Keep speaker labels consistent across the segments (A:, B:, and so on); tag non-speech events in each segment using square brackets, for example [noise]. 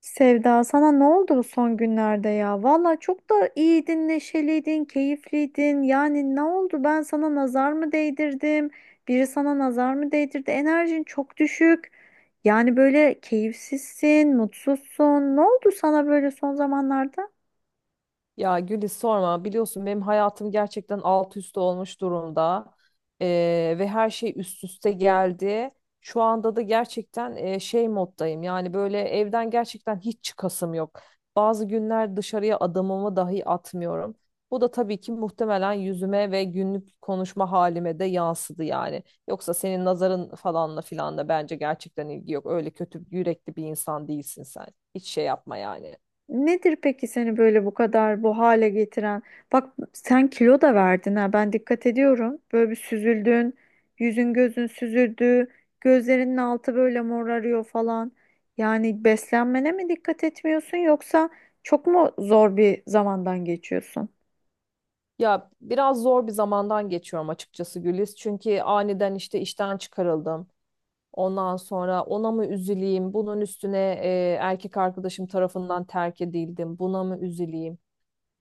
A: Sevda sana ne oldu bu son günlerde ya? Valla çok da iyiydin, neşeliydin, keyifliydin. Yani ne oldu? Ben sana nazar mı değdirdim? Biri sana nazar mı değdirdi? Enerjin çok düşük. Yani böyle keyifsizsin, mutsuzsun. Ne oldu sana böyle son zamanlarda?
B: Ya Güliz sorma, biliyorsun benim hayatım gerçekten alt üst olmuş durumda. Ve her şey üst üste geldi. Şu anda da gerçekten şey moddayım, yani böyle evden gerçekten hiç çıkasım yok. Bazı günler dışarıya adımımı dahi atmıyorum. Bu da tabii ki muhtemelen yüzüme ve günlük konuşma halime de yansıdı yani. Yoksa senin nazarın falanla filanla bence gerçekten ilgi yok. Öyle kötü yürekli bir insan değilsin sen. Hiç şey yapma yani.
A: Nedir peki seni böyle bu kadar bu hale getiren? Bak sen kilo da verdin ha, ben dikkat ediyorum. Böyle bir süzüldün, yüzün gözün süzüldü, gözlerinin altı böyle morarıyor falan. Yani beslenmene mi dikkat etmiyorsun yoksa çok mu zor bir zamandan geçiyorsun?
B: Ya, biraz zor bir zamandan geçiyorum açıkçası Güliz. Çünkü aniden işte işten çıkarıldım. Ondan sonra ona mı üzüleyim? Bunun üstüne erkek arkadaşım tarafından terk edildim. Buna mı üzüleyim?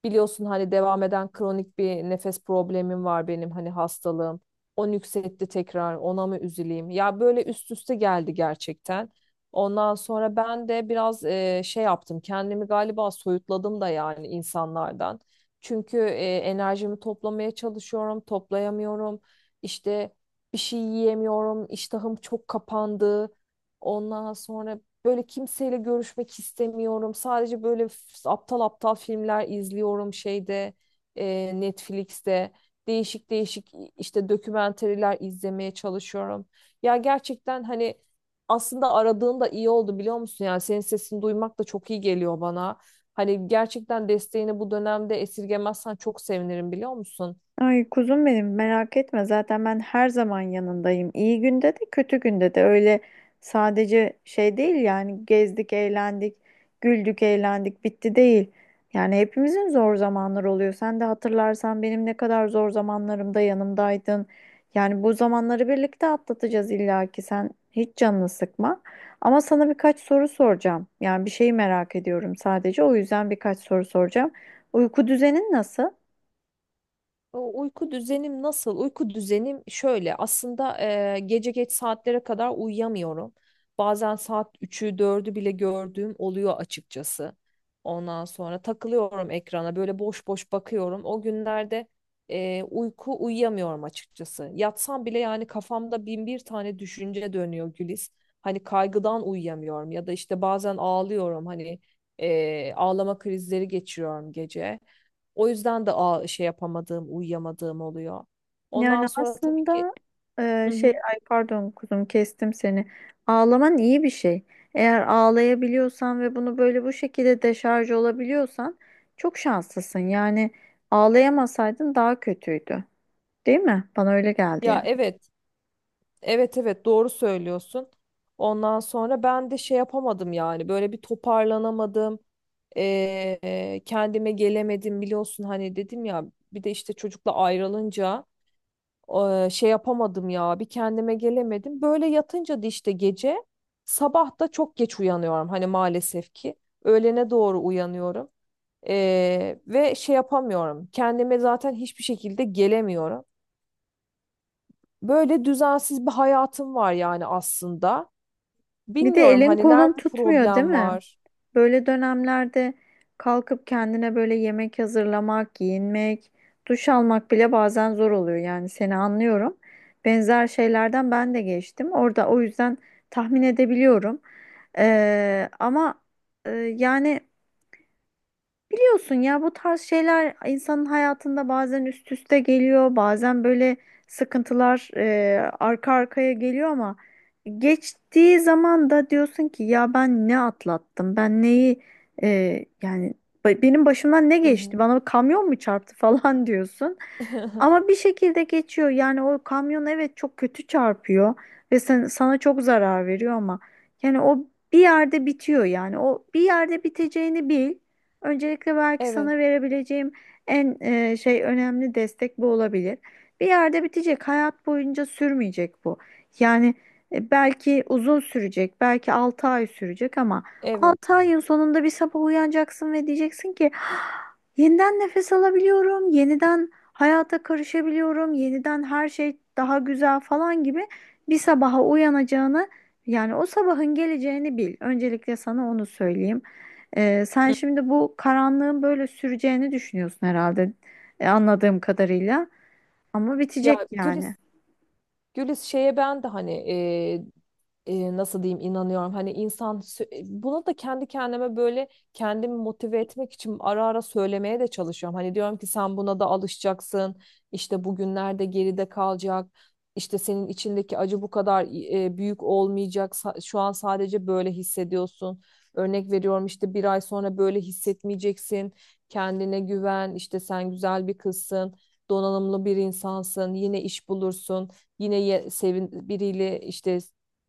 B: Biliyorsun hani devam eden kronik bir nefes problemim var benim, hani hastalığım. O nüksetti tekrar, ona mı üzüleyim? Ya böyle üst üste geldi gerçekten. Ondan sonra ben de biraz şey yaptım. Kendimi galiba soyutladım da yani insanlardan. Çünkü enerjimi toplamaya çalışıyorum, toplayamıyorum. İşte bir şey yiyemiyorum, iştahım çok kapandı. Ondan sonra böyle kimseyle görüşmek istemiyorum. Sadece böyle aptal aptal filmler izliyorum, şeyde, Netflix'te. Değişik değişik işte dokümenteriler izlemeye çalışıyorum. Ya gerçekten hani aslında aradığın da iyi oldu, biliyor musun? Yani senin sesini duymak da çok iyi geliyor bana. Hani gerçekten desteğini bu dönemde esirgemezsen çok sevinirim, biliyor musun?
A: Ay kuzum benim, merak etme, zaten ben her zaman yanındayım. İyi günde de kötü günde de. Öyle sadece şey değil yani, gezdik eğlendik, güldük eğlendik, bitti değil. Yani hepimizin zor zamanları oluyor. Sen de hatırlarsan benim ne kadar zor zamanlarımda yanımdaydın. Yani bu zamanları birlikte atlatacağız illa ki, sen hiç canını sıkma. Ama sana birkaç soru soracağım. Yani bir şeyi merak ediyorum sadece, o yüzden birkaç soru soracağım. Uyku düzenin nasıl?
B: O, uyku düzenim nasıl? Uyku düzenim şöyle. Aslında gece geç saatlere kadar uyuyamıyorum. Bazen saat üçü dördü bile gördüğüm oluyor açıkçası. Ondan sonra takılıyorum ekrana, böyle boş boş bakıyorum. O günlerde uyku uyuyamıyorum açıkçası. Yatsam bile yani kafamda bin bir tane düşünce dönüyor Güliz. Hani kaygıdan uyuyamıyorum, ya da işte bazen ağlıyorum, hani ağlama krizleri geçiriyorum gece. O yüzden de şey yapamadığım, uyuyamadığım oluyor.
A: Yani
B: Ondan sonra tabii ki.
A: aslında
B: Hı hı.
A: ay pardon kuzum, kestim seni. Ağlaman iyi bir şey. Eğer ağlayabiliyorsan ve bunu böyle bu şekilde deşarj olabiliyorsan çok şanslısın. Yani ağlayamasaydın daha kötüydü. Değil mi? Bana öyle geldi
B: Ya
A: yani.
B: evet, evet, evet, doğru söylüyorsun. Ondan sonra ben de şey yapamadım, yani böyle bir toparlanamadım. Kendime gelemedim, biliyorsun hani dedim ya, bir de işte çocukla ayrılınca şey yapamadım ya, bir kendime gelemedim. Böyle yatınca da işte gece, sabah da çok geç uyanıyorum, hani maalesef ki öğlene doğru uyanıyorum. Ve şey yapamıyorum. Kendime zaten hiçbir şekilde gelemiyorum. Böyle düzensiz bir hayatım var yani aslında.
A: Bir de
B: Bilmiyorum
A: elin
B: hani
A: kolun
B: nerede
A: tutmuyor, değil
B: problem
A: mi?
B: var.
A: Böyle dönemlerde kalkıp kendine böyle yemek hazırlamak, giyinmek, duş almak bile bazen zor oluyor. Yani seni anlıyorum. Benzer şeylerden ben de geçtim. Orada o yüzden tahmin edebiliyorum. Ama yani biliyorsun ya, bu tarz şeyler insanın hayatında bazen üst üste geliyor, bazen böyle sıkıntılar arka arkaya geliyor ama geçtiği zaman da diyorsun ki ya ben ne atlattım, ben neyi e, yani benim başımdan ne
B: Hı
A: geçti,
B: hı.
A: bana kamyon mu çarptı [laughs] falan diyorsun. Ama
B: [laughs]
A: bir şekilde geçiyor yani, o kamyon evet çok kötü çarpıyor ve sana çok zarar veriyor ama yani o bir yerde bitiyor, yani o bir yerde biteceğini bil. Öncelikle belki
B: Evet,
A: sana verebileceğim en önemli destek bu olabilir. Bir yerde bitecek, hayat boyunca sürmeyecek bu. Yani belki uzun sürecek, belki 6 ay sürecek ama
B: evet.
A: 6 ayın sonunda bir sabah uyanacaksın ve diyeceksin ki "Ah, yeniden nefes alabiliyorum, yeniden hayata karışabiliyorum, yeniden her şey daha güzel" falan gibi bir sabaha uyanacağını, yani o sabahın geleceğini bil. Öncelikle sana onu söyleyeyim. Sen
B: Hı.
A: şimdi bu karanlığın böyle süreceğini düşünüyorsun herhalde, anladığım kadarıyla, ama bitecek
B: Ya
A: yani.
B: Gülis, şeye ben de hani nasıl diyeyim, inanıyorum. Hani insan buna da kendi kendime böyle, kendimi motive etmek için ara ara söylemeye de çalışıyorum. Hani diyorum ki sen buna da alışacaksın. İşte bugünlerde geride kalacak. İşte senin içindeki acı bu kadar büyük olmayacak. Şu an sadece böyle hissediyorsun. Örnek veriyorum, işte bir ay sonra böyle hissetmeyeceksin. Kendine güven. İşte sen güzel bir kızsın. Donanımlı bir insansın. Yine iş bulursun. Yine sevin biriyle işte,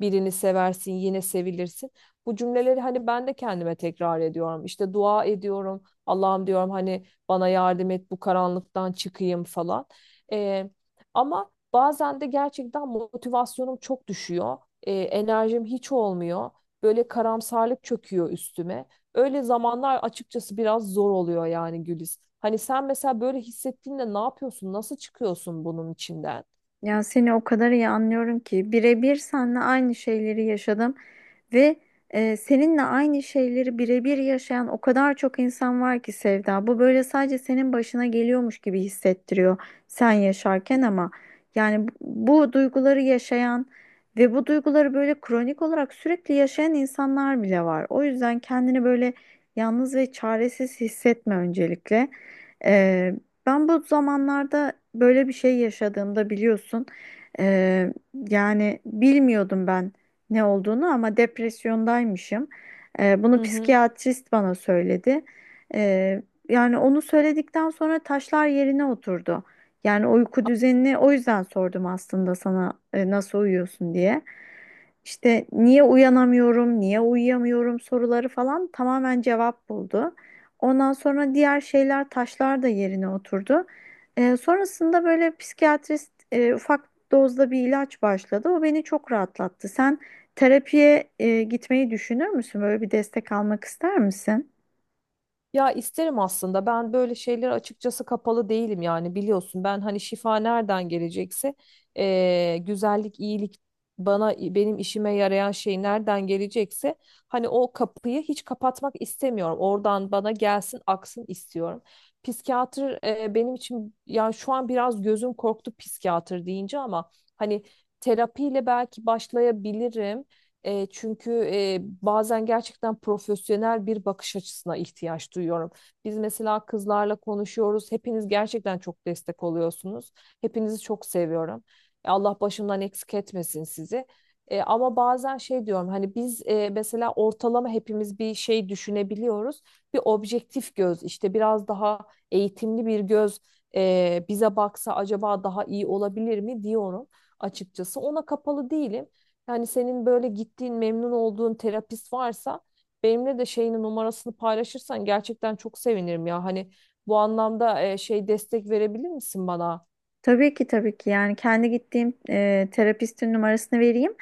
B: birini seversin, yine sevilirsin. Bu cümleleri hani ben de kendime tekrar ediyorum. İşte dua ediyorum. Allah'ım diyorum, hani bana yardım et bu karanlıktan çıkayım falan. Ee, Ama bazen de gerçekten motivasyonum çok düşüyor. Enerjim hiç olmuyor. Böyle karamsarlık çöküyor üstüme. Öyle zamanlar açıkçası biraz zor oluyor yani Güliz. Hani sen mesela böyle hissettiğinde ne yapıyorsun? Nasıl çıkıyorsun bunun içinden?
A: Ya seni o kadar iyi anlıyorum ki, birebir seninle aynı şeyleri yaşadım. Ve seninle aynı şeyleri birebir yaşayan o kadar çok insan var ki Sevda. Bu böyle sadece senin başına geliyormuş gibi hissettiriyor sen yaşarken, ama yani bu duyguları yaşayan ve bu duyguları böyle kronik olarak sürekli yaşayan insanlar bile var. O yüzden kendini böyle yalnız ve çaresiz hissetme öncelikle. E, ben bu zamanlarda böyle bir şey yaşadığımda biliyorsun. e, Yani bilmiyordum ben ne olduğunu, ama depresyondaymışım. Bunu
B: Hı hı.
A: psikiyatrist bana söyledi. Ee, yani onu söyledikten sonra taşlar yerine oturdu. Yani uyku düzenini o yüzden sordum aslında sana, nasıl uyuyorsun diye. İşte niye uyanamıyorum, niye uyuyamıyorum soruları falan tamamen cevap buldu. Ondan sonra diğer şeyler, taşlar da yerine oturdu. Sonrasında böyle psikiyatrist ufak dozda bir ilaç başladı. O beni çok rahatlattı. Sen terapiye gitmeyi düşünür müsün? Böyle bir destek almak ister misin?
B: Ya, isterim aslında. Ben böyle şeyler açıkçası kapalı değilim, yani biliyorsun. Ben hani şifa nereden gelecekse, güzellik, iyilik, bana benim işime yarayan şey nereden gelecekse, hani o kapıyı hiç kapatmak istemiyorum. Oradan bana gelsin, aksın istiyorum. Psikiyatr benim için yani şu an biraz gözüm korktu psikiyatr deyince, ama hani terapiyle belki başlayabilirim. Çünkü bazen gerçekten profesyonel bir bakış açısına ihtiyaç duyuyorum. Biz mesela kızlarla konuşuyoruz. Hepiniz gerçekten çok destek oluyorsunuz. Hepinizi çok seviyorum. Allah başımdan eksik etmesin sizi. Ama bazen şey diyorum, hani biz mesela ortalama hepimiz bir şey düşünebiliyoruz. Bir objektif göz, işte biraz daha eğitimli bir göz bize baksa acaba daha iyi olabilir mi diyorum açıkçası. Ona kapalı değilim. Yani senin böyle gittiğin, memnun olduğun terapist varsa, benimle de şeyini, numarasını paylaşırsan gerçekten çok sevinirim ya. Hani bu anlamda şey, destek verebilir misin bana?
A: Tabii ki, tabii ki, yani kendi gittiğim terapistin numarasını vereyim.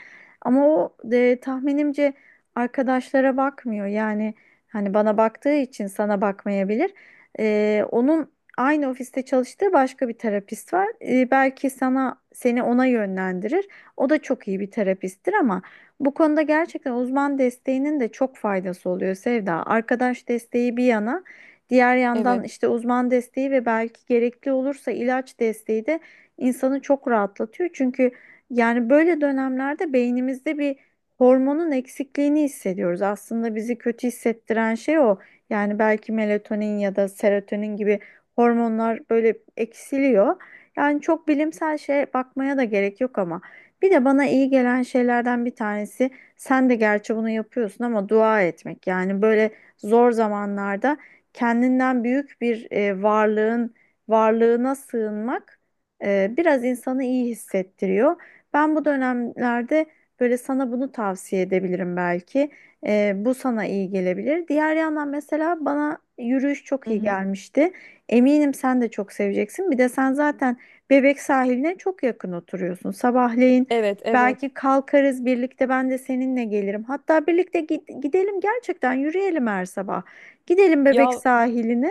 A: Ama o tahminimce arkadaşlara bakmıyor. Yani hani bana baktığı için sana bakmayabilir. E, onun aynı ofiste çalıştığı başka bir terapist var. E, belki sana, seni ona yönlendirir. O da çok iyi bir terapisttir, ama bu konuda gerçekten uzman desteğinin de çok faydası oluyor Sevda. Arkadaş desteği bir yana. Diğer yandan
B: Evet.
A: işte uzman desteği ve belki gerekli olursa ilaç desteği de insanı çok rahatlatıyor. Çünkü yani böyle dönemlerde beynimizde bir hormonun eksikliğini hissediyoruz. Aslında bizi kötü hissettiren şey o. Yani belki melatonin ya da serotonin gibi hormonlar böyle eksiliyor. Yani çok bilimsel şeye bakmaya da gerek yok ama. Bir de bana iyi gelen şeylerden bir tanesi, sen de gerçi bunu yapıyorsun ama, dua etmek. Yani böyle zor zamanlarda kendinden büyük bir varlığına sığınmak biraz insanı iyi hissettiriyor. Ben bu dönemlerde böyle sana bunu tavsiye edebilirim belki. E, bu sana iyi gelebilir. Diğer yandan mesela bana yürüyüş çok
B: Hı
A: iyi
B: hı.
A: gelmişti. Eminim sen de çok seveceksin. Bir de sen zaten Bebek sahiline çok yakın oturuyorsun. Sabahleyin
B: Evet, evet.
A: belki kalkarız birlikte, ben de seninle gelirim. Hatta birlikte gidelim gerçekten, yürüyelim her sabah. Gidelim Bebek
B: Ya,
A: sahiline,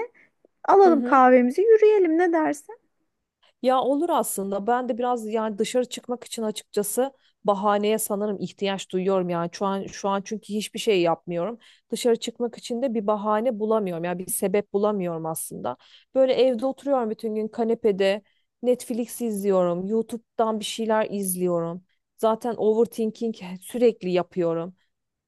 B: hı
A: alalım
B: hı.
A: kahvemizi, yürüyelim, ne dersin?
B: Ya, olur aslında. Ben de biraz yani dışarı çıkmak için açıkçası bahaneye sanırım ihtiyaç duyuyorum, yani şu an çünkü hiçbir şey yapmıyorum. Dışarı çıkmak için de bir bahane bulamıyorum. Yani bir sebep bulamıyorum aslında. Böyle evde oturuyorum bütün gün, kanepede Netflix izliyorum, YouTube'dan bir şeyler izliyorum. Zaten overthinking sürekli yapıyorum.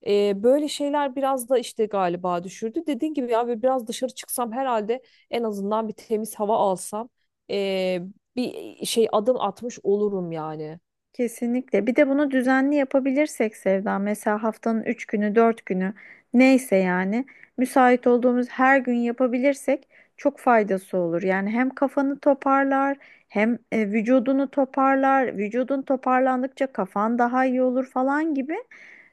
B: Böyle şeyler biraz da işte galiba düşürdü. Dediğin gibi ya, böyle biraz dışarı çıksam herhalde, en azından bir temiz hava alsam ee, bir şey adım atmış olurum yani.
A: Kesinlikle. Bir de bunu düzenli yapabilirsek Sevda, mesela haftanın 3 günü, 4 günü, neyse yani, müsait olduğumuz her gün yapabilirsek çok faydası olur. Yani hem kafanı toparlar, hem vücudunu toparlar. Vücudun toparlandıkça kafan daha iyi olur falan gibi.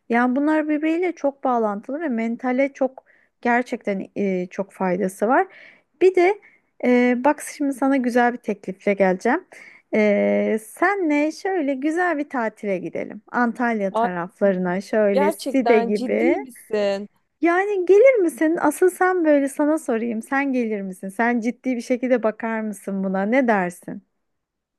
A: Yani bunlar birbiriyle çok bağlantılı ve mentale çok gerçekten çok faydası var. Bir de bak şimdi sana güzel bir teklifle geleceğim. Senle şöyle güzel bir tatile gidelim. Antalya
B: Ay,
A: taraflarına, şöyle Side
B: gerçekten
A: gibi.
B: ciddi misin?
A: Yani gelir misin? Asıl sen, böyle sana sorayım. Sen gelir misin? Sen ciddi bir şekilde bakar mısın buna? Ne dersin?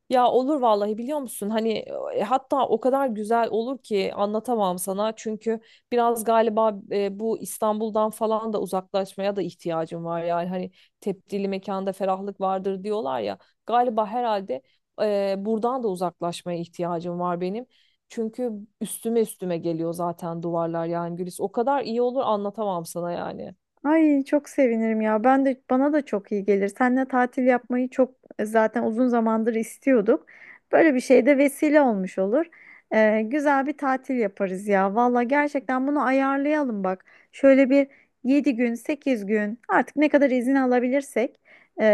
B: Ya, olur vallahi, biliyor musun? Hani hatta o kadar güzel olur ki anlatamam sana. Çünkü biraz galiba bu İstanbul'dan falan da uzaklaşmaya da ihtiyacım var. Yani hani tepdili mekanda ferahlık vardır diyorlar ya. Galiba herhalde buradan da uzaklaşmaya ihtiyacım var benim. Çünkü üstüme üstüme geliyor zaten duvarlar, yani Gülis. O kadar iyi olur, anlatamam sana yani.
A: Ay çok sevinirim ya. Ben de, bana da çok iyi gelir. Seninle tatil yapmayı çok zaten uzun zamandır istiyorduk. Böyle bir şey de vesile olmuş olur. Güzel bir tatil yaparız ya. Valla gerçekten bunu ayarlayalım bak. Şöyle bir 7 gün, 8 gün, artık ne kadar izin alabilirsek, ee,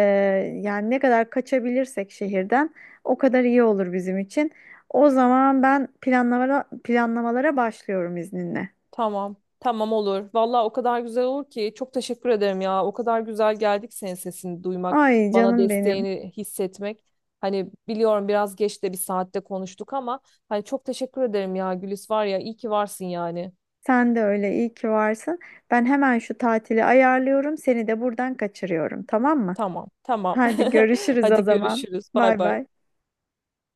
A: yani ne kadar kaçabilirsek şehirden, o kadar iyi olur bizim için. O zaman ben planlamalara başlıyorum izninle.
B: Tamam. Tamam, olur. Vallahi o kadar güzel olur ki, çok teşekkür ederim ya. O kadar güzel geldik senin sesini duymak,
A: Ay
B: bana
A: canım benim.
B: desteğini hissetmek. Hani biliyorum biraz geç de bir saatte konuştuk ama, hani çok teşekkür ederim ya Gülis, var ya iyi ki varsın yani.
A: Sen de öyle, iyi ki varsın. Ben hemen şu tatili ayarlıyorum. Seni de buradan kaçırıyorum, tamam mı?
B: Tamam, tamam.
A: Hadi
B: [laughs]
A: görüşürüz o
B: Hadi
A: zaman.
B: görüşürüz. Bay
A: Bay
B: bay.
A: bay.